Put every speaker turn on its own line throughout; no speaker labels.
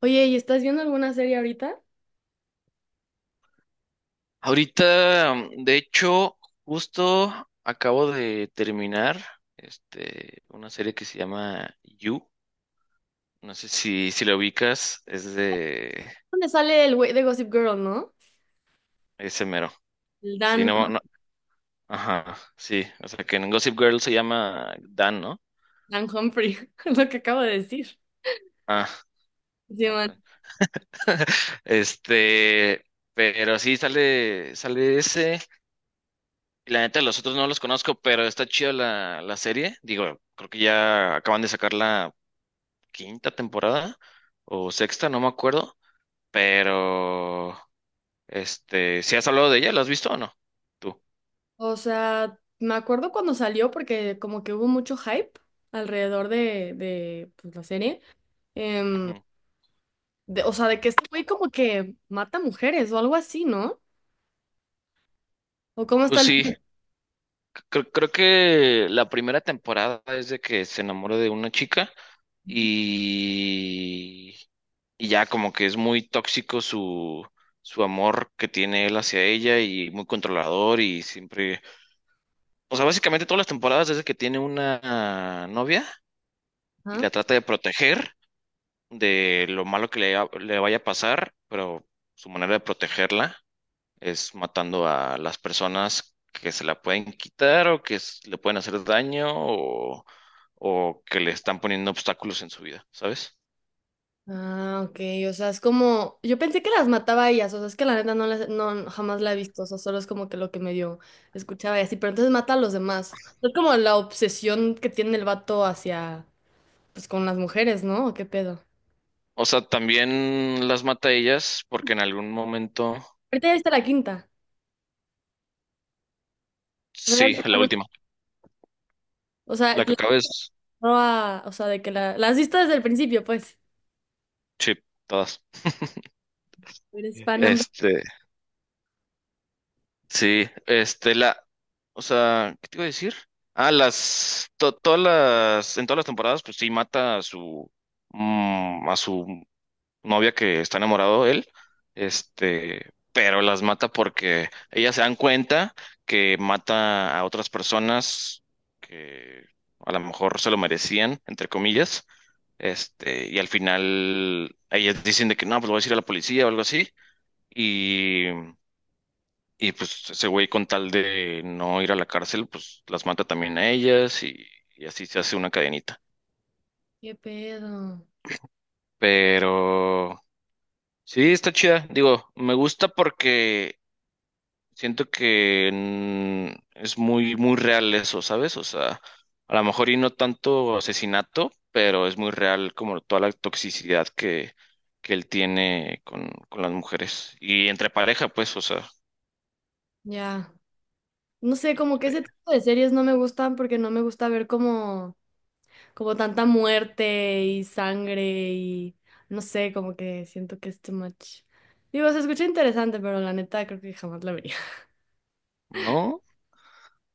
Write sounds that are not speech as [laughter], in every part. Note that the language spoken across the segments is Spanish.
Oye, ¿y estás viendo alguna serie ahorita?
Ahorita, de hecho, justo acabo de terminar una serie que se llama You. No sé si la ubicas, es de
¿Dónde sale el güey de Gossip Girl, no?
ese mero.
El
Sí,
Dan,
no, no, ajá, sí. O sea, que en Gossip Girl se llama Dan, ¿no?
Dan Humphrey, [laughs] es lo que acabo de decir.
Ah,
Sí,
ah,
man.
perdón. [laughs] Este, pero sí, sale ese. Y la neta, los otros no los conozco, pero está chida la serie. Digo, creo que ya acaban de sacarla quinta temporada o sexta, no me acuerdo, pero si has hablado de ella, ¿la has visto o no? Tú.
O sea, me acuerdo cuando salió porque como que hubo mucho hype alrededor de pues, la serie. Em,
Ujú.
o sea, de que este güey como que mata mujeres o algo así, ¿no? ¿O cómo está
Pues
el
sí, creo que la primera temporada es de que se enamora de una chica y, y ya como que es muy tóxico su amor que tiene él hacia ella y muy controlador y siempre, o sea, básicamente todas las temporadas es de que tiene una novia y
tema?
la trata de proteger de lo malo que le vaya a pasar, pero su manera de protegerla es matando a las personas que se la pueden quitar o que le pueden hacer daño o que le están poniendo obstáculos en su vida, ¿sabes?
Ah, ok, o sea, es como, yo pensé que las mataba a ellas. O sea, es que la neta no, no, jamás la he visto. O sea, solo es como que lo que medio escuchaba y así, pero entonces mata a los demás. Es como la obsesión que tiene el vato hacia, pues, con las mujeres, ¿no? ¿O qué pedo?
O sea, también las mata a ellas porque en algún momento,
Ahorita ya viste la quinta, o sea, ya
sí,
viste
la última,
o sea,
la que acabes,
o sea, de que la has visto desde el principio, pues.
sí, todas.
Eres fan number-
Este, Sí, este, la, o sea, ¿qué te iba a decir? Ah, todas en todas las temporadas, pues sí, mata a a su novia que está enamorado de él, pero las mata porque ellas se dan cuenta que mata a otras personas que a lo mejor se lo merecían, entre comillas, y al final ellas dicen de que no, pues lo voy a decir a la policía o algo así, y pues ese güey con tal de no ir a la cárcel, pues las mata también a ellas y así se hace una cadenita.
¿Qué pedo?
Pero sí, está chida. Digo, me gusta porque siento que es muy real eso, ¿sabes? O sea, a lo mejor y no tanto asesinato, pero es muy real como toda la toxicidad que él tiene con las mujeres. Y entre pareja, pues, o sea,
Ya, no sé, como que
pe-
ese tipo de series no me gustan porque no me gusta ver como tanta muerte y sangre, y no sé, como que siento que es too much. Digo, se escucha interesante, pero la neta creo que jamás la vería. [laughs]
¿no?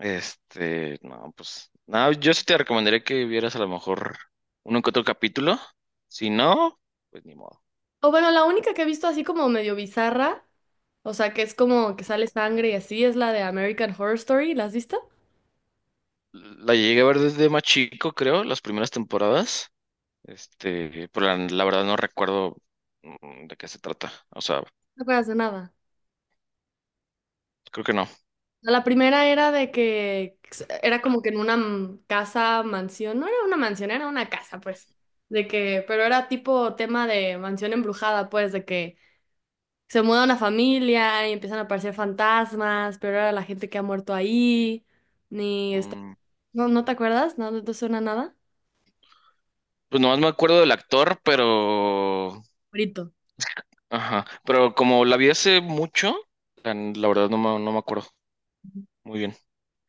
No, pues, no, yo sí te recomendaría que vieras a lo mejor uno que otro capítulo. Si no, pues ni modo.
O bueno, la única que he visto así como medio bizarra, o sea, que es como que sale sangre y así, es la de American Horror Story. ¿La has visto?
La llegué a ver desde más chico, creo, las primeras temporadas. Pero la verdad no recuerdo de qué se trata. O sea,
No acuerdas de nada.
creo que no.
No, la primera era de que era como que en una casa, mansión, no era una mansión, era una casa, pues. De que, pero era tipo tema de mansión embrujada, pues, de que se muda una familia y empiezan a aparecer fantasmas, pero ahora la gente que ha muerto ahí, ni está...
Mm,
¿No, no te acuerdas? ¿No, no te suena nada?
pues nomás me acuerdo del actor, pero...
Brito.
Ajá, pero como la vi hace mucho, la verdad no me acuerdo muy bien.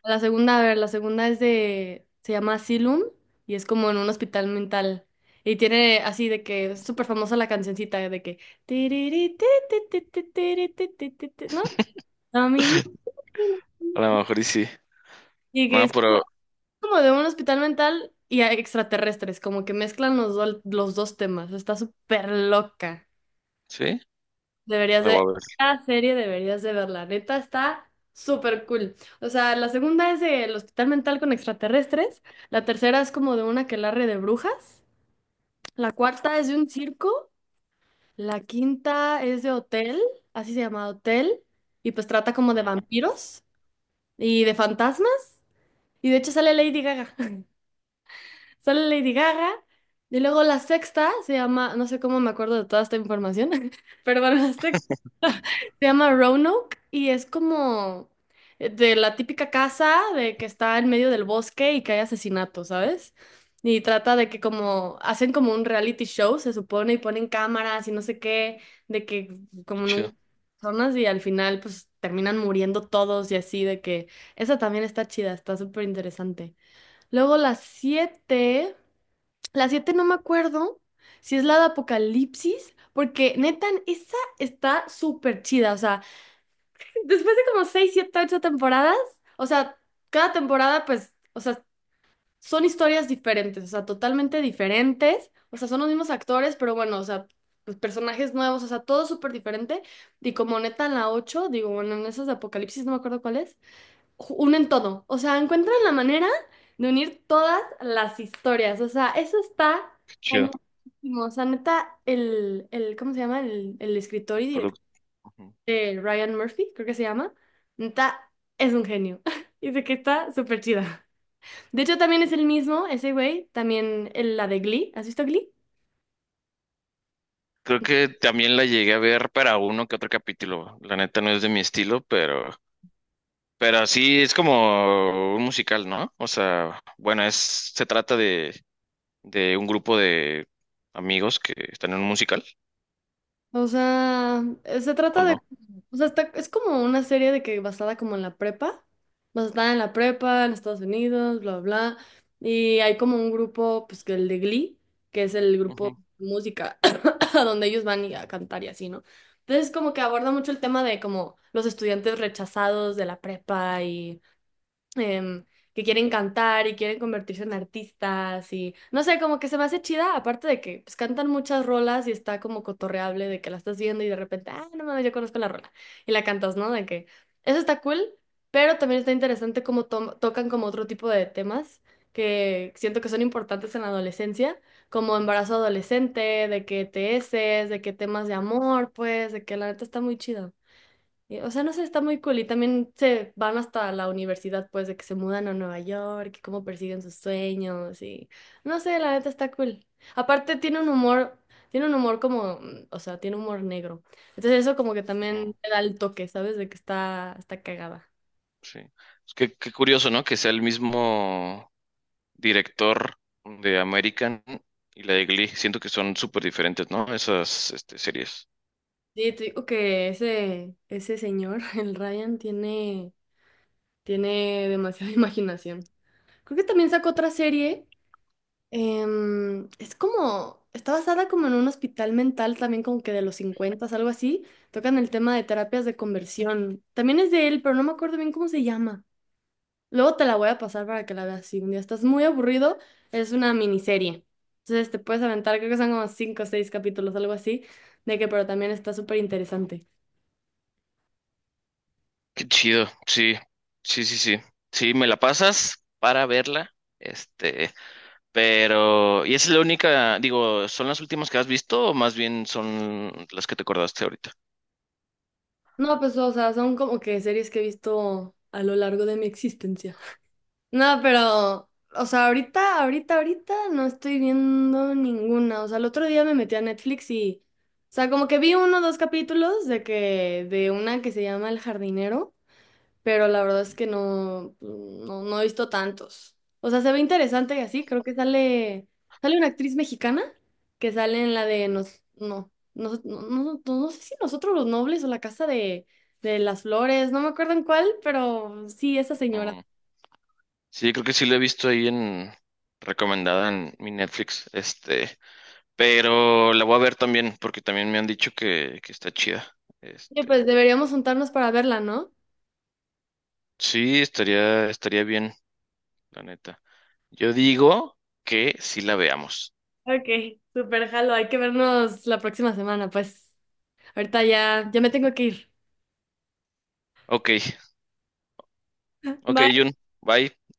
La segunda, a ver, la segunda es de... Se llama Asylum y es como en un hospital mental. Y tiene así de que es súper famosa la cancioncita de que... "Tiriri, ti, ti, ti, ti, tiri, ti, ti, ti, ti", ¿no? A mí ni-
A lo mejor y sí.
Y que
No,
es como
pero
como de un hospital mental y a extraterrestres, como que mezclan los dos temas. Está súper loca.
sí,
Deberías
la voy
de,
a ver.
esta serie deberías de verla, neta está súper cool. O sea, la segunda es del hospital mental con extraterrestres, la tercera es como de una quelarre de brujas, la cuarta es de un circo, la quinta es de hotel, así se llama hotel, y pues trata como de
Ah,
vampiros y de fantasmas, y de hecho sale Lady Gaga, [laughs] sale Lady Gaga. Y luego la sexta se llama, no sé cómo me acuerdo de toda esta información, [laughs] pero bueno, la sexta se llama Roanoke y es como de la típica casa de que está en medio del bosque y que hay asesinatos, ¿sabes? Y trata de que como hacen como un reality show, se supone, y ponen cámaras y no sé qué, de que
qué
como no
chido,
personas, y al final pues terminan muriendo todos y así, de que esa también está chida, está súper interesante. Luego las siete no me acuerdo si es la de Apocalipsis, porque neta, esa está súper chida, o sea... Después de como seis, siete, ocho temporadas, o sea, cada temporada, pues, o sea, son historias diferentes, o sea, totalmente diferentes, o sea, son los mismos actores, pero bueno, o sea, pues personajes nuevos, o sea, todo súper diferente. Y como neta en la ocho, digo, bueno, en esas de Apocalipsis, no me acuerdo cuál es, ju- unen todo, o sea, encuentran la manera de unir todas las historias, o sea, eso está
qué chido.
cañonísimo, o sea, neta, ¿cómo se llama? El escritor y
Pero
director de Ryan Murphy, creo que se llama, está, es un genio. [laughs] Dice que está súper chida. De hecho, también es el mismo, ese güey, también la de Glee. ¿Has visto Glee?
creo que también la llegué a ver para uno que otro capítulo. La neta no es de mi estilo, pero sí es como un musical, ¿no? O sea, bueno, se trata de un grupo de amigos que están en un musical,
O sea, se
¿o
trata de,
no?
o sea, es como una serie de que basada como en la prepa, basada en la prepa, en Estados Unidos, bla, bla, bla, y hay como un grupo, pues, que el de Glee, que es el grupo
Ujú,
de música, [coughs] a donde ellos van y a cantar y así, ¿no? Entonces como que aborda mucho el tema de como los estudiantes rechazados de la prepa y em, que quieren cantar y quieren convertirse en artistas, y no sé, como que se me hace chida, aparte de que pues cantan muchas rolas y está como cotorreable, de que la estás viendo y de repente, ah, no mames, yo conozco la rola y la cantas, ¿no? De que eso está cool, pero también está interesante cómo tocan como otro tipo de temas, que siento que son importantes en la adolescencia, como embarazo adolescente, de que TS, de que temas de amor, pues, de que la neta está muy chido. Y, o sea, no sé, está muy cool. Y también se van hasta la universidad, pues, de que se mudan a Nueva York, y cómo persiguen sus sueños y... No sé, la neta está cool. Aparte tiene un humor como, o sea, tiene humor negro. Entonces eso como que también
ujú,
le da el toque, ¿sabes? De que está cagada.
sí. Es que, qué curioso, ¿no? Que sea el mismo director de American y la de Glee. Siento que son súper diferentes, ¿no? Esas, series.
Sí, te digo que ese señor, [laughs] el Ryan, tiene, tiene demasiada [laughs] imaginación. Creo que también sacó otra serie. Es como, está basada como en un hospital mental, también como que de los 50, algo así. Tocan el tema de terapias de conversión. También es de él, pero no me acuerdo bien cómo se llama. Luego te la voy a pasar para que la veas. Si un día estás muy aburrido, es una miniserie. Entonces te puedes aventar, creo que son como 5 o 6 capítulos, algo así, de que pero también está súper interesante.
Qué chido, sí, sí, sí, sí. Sí, me la pasas para verla. Este, pero, ¿y es la única, digo, son las últimas que has visto o más bien son las que te acordaste ahorita?
No, pues o sea, son como que series que he visto a lo largo de mi existencia. No, pero, o sea, ahorita, ahorita, ahorita no estoy viendo ninguna. O sea, el otro día me metí a Netflix y, o sea, como que vi uno o dos capítulos de que, de una que se llama El jardinero, pero la verdad es que no, no, no he visto tantos. O sea, se ve interesante y así, creo que sale, sale una actriz mexicana que sale en la de nos, no, no, no, no, no- no sé si Nosotros los Nobles o la Casa de las Flores, no me acuerdo en cuál, pero sí, esa señora.
Mm, sí, creo que sí la he visto ahí en recomendada en mi Netflix. Pero la voy a ver también porque también me han dicho que está chida.
Oye, pues
Este,
deberíamos juntarnos para verla, ¿no?
sí, estaría bien, la neta. Yo digo que sí la veamos.
Ok, super jalo, hay que vernos. La próxima semana, pues. Ahorita ya me tengo que ir.
Ok, ok,
Bye.
Jun, bye.